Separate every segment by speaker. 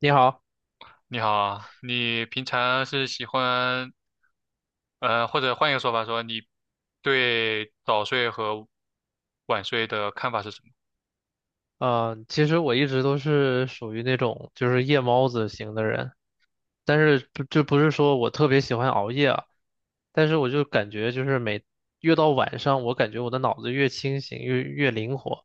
Speaker 1: 你好，
Speaker 2: 你好啊你平常是喜欢，或者换一个说法说，你对早睡和晚睡的看法是什么？
Speaker 1: 嗯，其实我一直都是属于那种就是夜猫子型的人，但是不是说我特别喜欢熬夜啊，但是我就感觉就是越到晚上，我感觉我的脑子越清醒越灵活，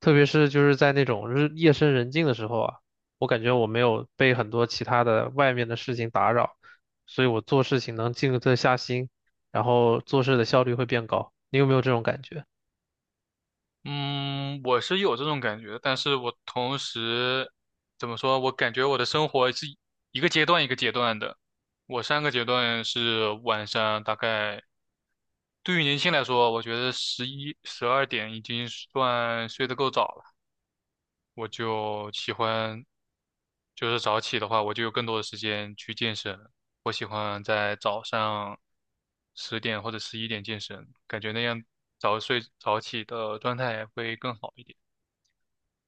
Speaker 1: 特别是就是在那种日夜深人静的时候啊，我感觉我没有被很多其他的外面的事情打扰，所以我做事情能静得下心，然后做事的效率会变高。你有没有这种感觉？
Speaker 2: 嗯，我是有这种感觉，但是我同时怎么说，我感觉我的生活是一个阶段一个阶段的。我上个阶段是晚上大概，对于年轻来说，我觉得11、12点已经算睡得够早了。我就喜欢，就是早起的话，我就有更多的时间去健身。我喜欢在早上10点或者11点健身，感觉那样早睡早起的状态会更好一点。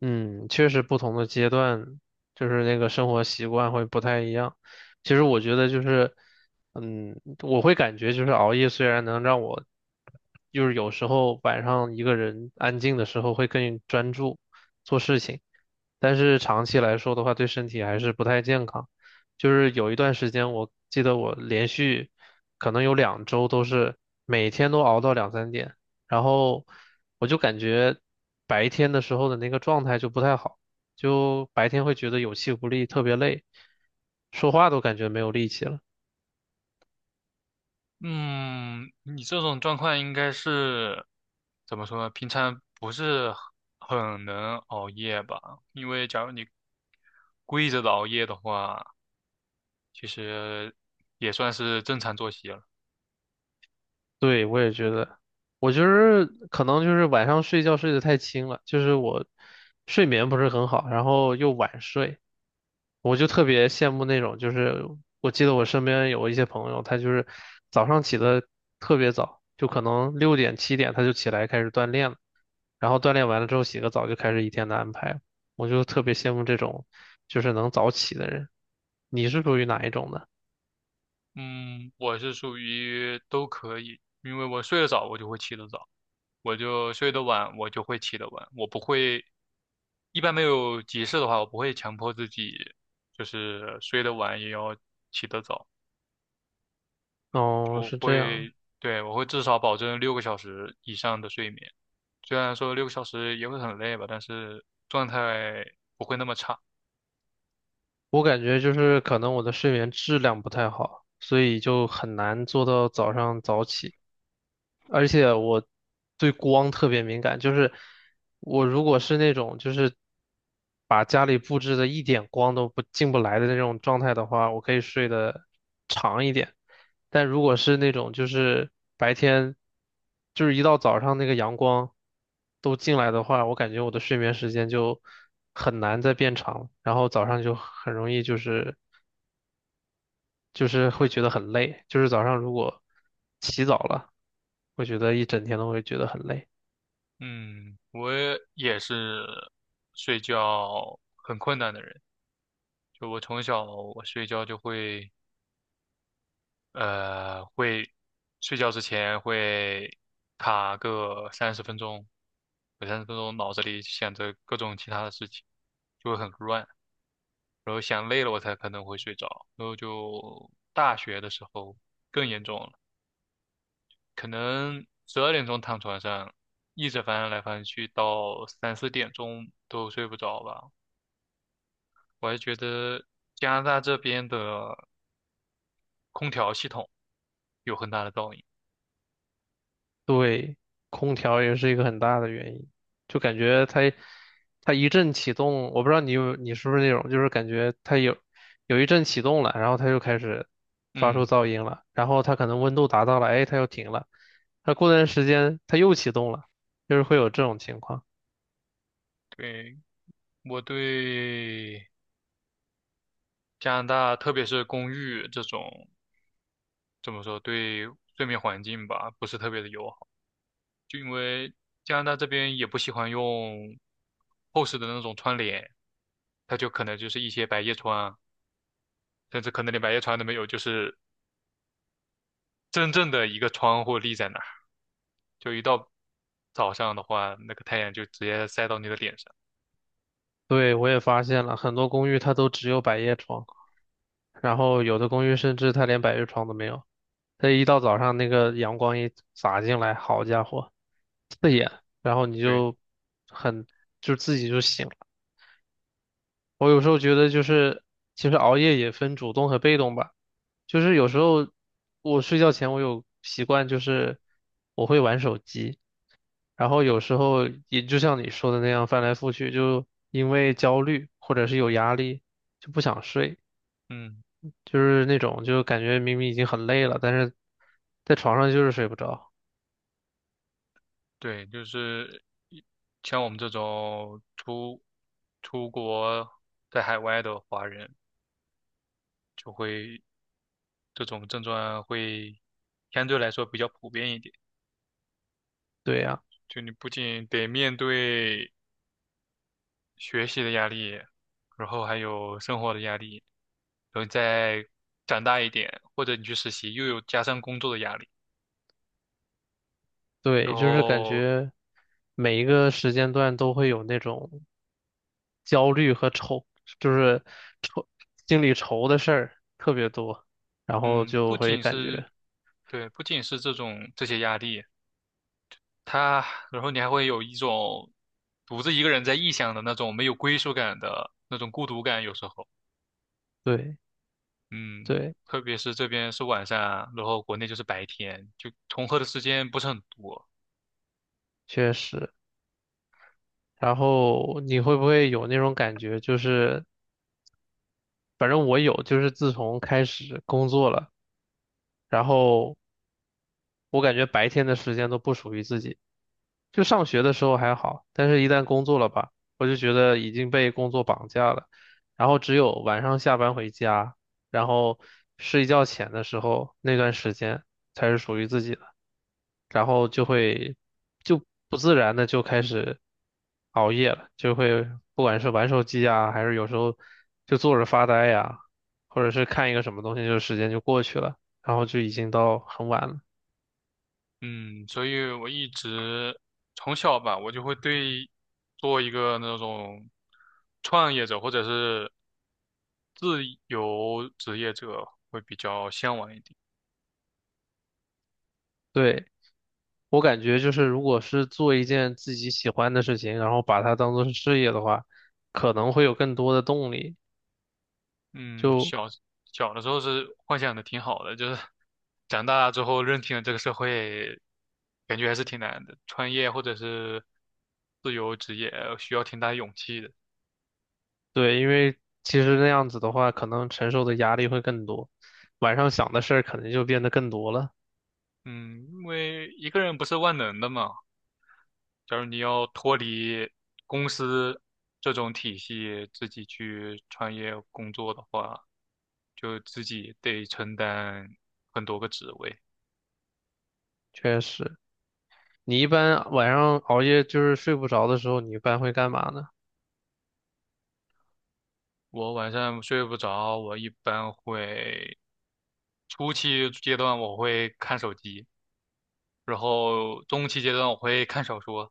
Speaker 1: 嗯，确实不同的阶段，就是那个生活习惯会不太一样。其实我觉得就是，我会感觉就是熬夜虽然能让我，就是有时候晚上一个人安静的时候会更专注做事情，但是长期来说的话，对身体还是不太健康。就是有一段时间，我记得我连续可能有2周都是每天都熬到2、3点。然后我就感觉白天的时候的那个状态就不太好，就白天会觉得有气无力，特别累，说话都感觉没有力气了。
Speaker 2: 嗯，你这种状况应该是怎么说呢？平常不是很能熬夜吧？因为假如你跪着的熬夜的话，其实也算是正常作息了。
Speaker 1: 对，我也觉得，我就是可能就是晚上睡觉睡得太轻了，就是我睡眠不是很好，然后又晚睡，我就特别羡慕那种，就是我记得我身边有一些朋友，他就是早上起得特别早，就可能6点7点他就起来开始锻炼了。然后锻炼完了之后洗个澡就开始一天的安排。我就特别羡慕这种就是能早起的人。你是属于哪一种的？
Speaker 2: 嗯，我是属于都可以，因为我睡得早，我就会起得早；我就睡得晚，我就会起得晚。我不会，一般没有急事的话，我不会强迫自己，就是睡得晚也要起得早。
Speaker 1: 哦，是这样。
Speaker 2: 对，我会至少保证六个小时以上的睡眠。虽然说六个小时也会很累吧，但是状态不会那么差。
Speaker 1: 我感觉就是可能我的睡眠质量不太好，所以就很难做到早上早起。而且我对光特别敏感，就是我如果是那种就是把家里布置的一点光都不进不来的那种状态的话，我可以睡得长一点。但如果是那种就是白天就是一到早上那个阳光都进来的话，我感觉我的睡眠时间就很难再变长，然后早上就很容易就是会觉得很累，就是早上如果起早了，会觉得一整天都会觉得很累。
Speaker 2: 嗯，我也是睡觉很困难的人，就我从小我睡觉就会。会睡觉之前会卡个三十分钟，有三十分钟脑子里想着各种其他的事情，就会很乱，然后想累了我才可能会睡着，然后就大学的时候更严重了，可能12点钟躺床上，一直翻来翻去到三四点钟都睡不着吧。我还觉得加拿大这边的空调系统有很大的噪音。
Speaker 1: 对，空调也是一个很大的原因，就感觉它一阵启动，我不知道你是不是那种，就是感觉它有一阵启动了，然后它就开始发出
Speaker 2: 嗯，
Speaker 1: 噪音了，然后它可能温度达到了，哎，它又停了，它过段时间它又启动了，就是会有这种情况。
Speaker 2: 对，我对加拿大，特别是公寓这种，怎么说，对睡眠环境吧，不是特别的友好。就因为加拿大这边也不喜欢用厚实的那种窗帘，它就可能就是一些百叶窗，甚至可能连百叶窗都没有，就是真正的一个窗户立在那儿，就一到早上的话，那个太阳就直接晒到你的脸上。
Speaker 1: 对，我也发现了，很多公寓它都只有百叶窗。然后有的公寓甚至它连百叶窗都没有，它一到早上那个阳光一洒进来，好家伙，然后你
Speaker 2: 对，
Speaker 1: 就很就自己就醒了。我有时候觉得就是其实熬夜也分主动和被动吧，就是有时候我睡觉前我有习惯就是我会玩手机，然后有时候也就像你说的那样翻来覆去，就因为焦虑或者是有压力就不想睡。
Speaker 2: 嗯。
Speaker 1: 就是那种就感觉明明已经很累了，但是在床上就是睡不着。
Speaker 2: 对，就是一像我们这种出国在海外的华人，就会这种症状会相对来说比较普遍一点。
Speaker 1: 对呀，
Speaker 2: 就你不仅得面对学习的压力，然后还有生活的压力，然后你再长大一点，或者你去实习，又有加上工作的压力。
Speaker 1: 对，
Speaker 2: 然
Speaker 1: 就是感
Speaker 2: 后，
Speaker 1: 觉每一个时间段都会有那种焦虑和愁，就是愁，心里愁的事儿特别多，然后
Speaker 2: 嗯，
Speaker 1: 就
Speaker 2: 不
Speaker 1: 会
Speaker 2: 仅
Speaker 1: 感
Speaker 2: 是
Speaker 1: 觉，
Speaker 2: 对，不仅是这种这些压力，他，然后你还会有一种独自一个人在异乡的那种没有归属感的那种孤独感，有时候，
Speaker 1: 对
Speaker 2: 嗯，
Speaker 1: 对，
Speaker 2: 特别是这边是晚上，然后国内就是白天，就重合的时间不是很多，
Speaker 1: 确实。然后你会不会有那种感觉？就是反正我有，就是自从开始工作了，然后我感觉白天的时间都不属于自己。就上学的时候还好，但是一旦工作了吧，我就觉得已经被工作绑架了。然后只有晚上下班回家，然后睡觉前的时候那段时间才是属于自己的，然后就会就不自然的就开始熬夜了，就会不管是玩手机呀，还是有时候就坐着发呆呀，或者是看一个什么东西，就时间就过去了，然后就已经到很晚了。
Speaker 2: 嗯，所以我一直从小吧，我就会对做一个那种创业者或者是自由职业者会比较向往一点。
Speaker 1: 对。我感觉就是，如果是做一件自己喜欢的事情，然后把它当做是事业的话，可能会有更多的动力。
Speaker 2: 嗯，
Speaker 1: 就
Speaker 2: 小的时候是幻想的挺好的，就是长大之后认清了这个社会，感觉还是挺难的。创业或者是自由职业，需要挺大勇气的。
Speaker 1: 对，因为其实那样子的话，可能承受的压力会更多，晚上想的事儿可能就变得更多了。
Speaker 2: 嗯，因为一个人不是万能的嘛。假如你要脱离公司这种体系，自己去创业工作的话，就自己得承担很多个职位。
Speaker 1: 确实，你一般晚上熬夜就是睡不着的时候，你一般会干嘛呢？
Speaker 2: 我晚上睡不着，我一般会。初期阶段我会看手机，然后中期阶段我会看小说，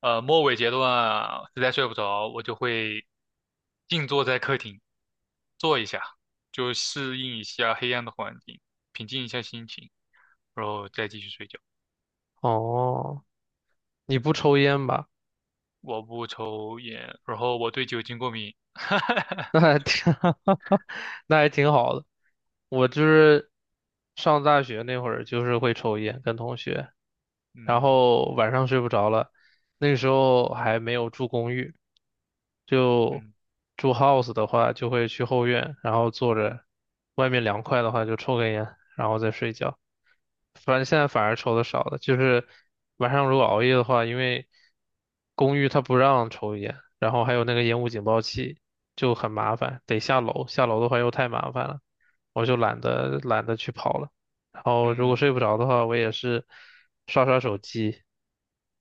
Speaker 2: 末尾阶段啊实在睡不着，我就会静坐在客厅坐一下，就适应一下黑暗的环境，平静一下心情，然后再继续睡觉。
Speaker 1: 哦，你不抽烟吧？
Speaker 2: 我不抽烟，然后我对酒精过敏。
Speaker 1: 那还挺，那还挺好的。我就是上大学那会儿，就是会抽烟，跟同学。然
Speaker 2: 嗯
Speaker 1: 后晚上睡不着了，那个时候还没有住公寓，就
Speaker 2: 嗯
Speaker 1: 住 house 的话，就会去后院，然后坐着，外面凉快的话就抽根烟，然后再睡觉。反正现在反而抽的少了，就是晚上如果熬夜的话，因为公寓它不让抽烟，然后还有那个烟雾警报器，就很麻烦，得下楼，下楼的话又太麻烦了，我就懒得去跑了。然后如果
Speaker 2: 嗯
Speaker 1: 睡不着的话，我也是刷刷手机，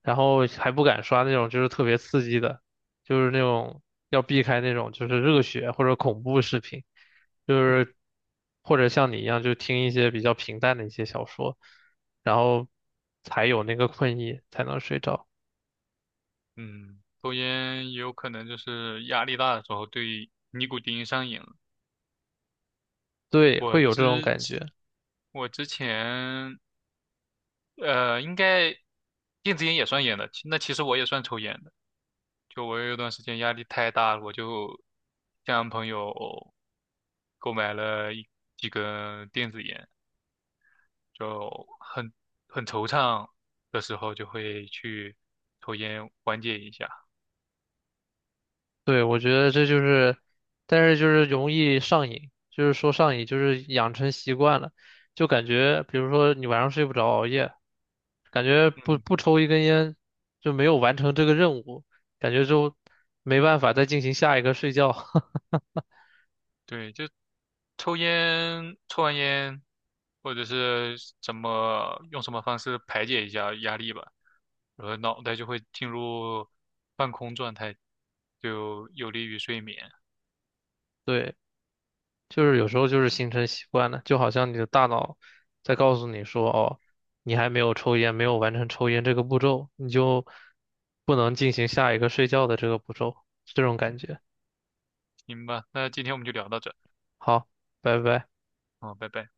Speaker 1: 然后还不敢刷那种就是特别刺激的，就是那种要避开那种就是热血或者恐怖视频，就是或者像你一样就听一些比较平淡的一些小说，然后才有那个困意才能睡着。
Speaker 2: 嗯，抽烟也有可能就是压力大的时候对尼古丁上瘾了。
Speaker 1: 对，
Speaker 2: 我
Speaker 1: 会有这种
Speaker 2: 之前
Speaker 1: 感觉。
Speaker 2: 我之前应该电子烟也算烟的，其实我也算抽烟的。就我有一段时间压力太大了，我就向朋友购买了几根电子烟，就很很惆怅的时候就会去抽烟缓解一下。
Speaker 1: 对，我觉得这就是，但是就是容易上瘾，就是说上瘾，就是养成习惯了，就感觉，比如说你晚上睡不着，熬夜，感觉不
Speaker 2: 嗯。
Speaker 1: 不抽一根烟就没有完成这个任务，感觉就没办法再进行下一个睡觉。
Speaker 2: 对，就抽烟，抽完烟，或者是怎么用什么方式排解一下压力吧，然后脑袋就会进入半空状态，就有利于睡眠。
Speaker 1: 对，就是有时候就是形成习惯了，就好像你的大脑在告诉你说，哦，你还没有抽烟，没有完成抽烟这个步骤，你就不能进行下一个睡觉的这个步骤，这种感觉。
Speaker 2: 行吧，那今天我们就聊到这儿，
Speaker 1: 好，拜拜。
Speaker 2: 嗯，拜拜。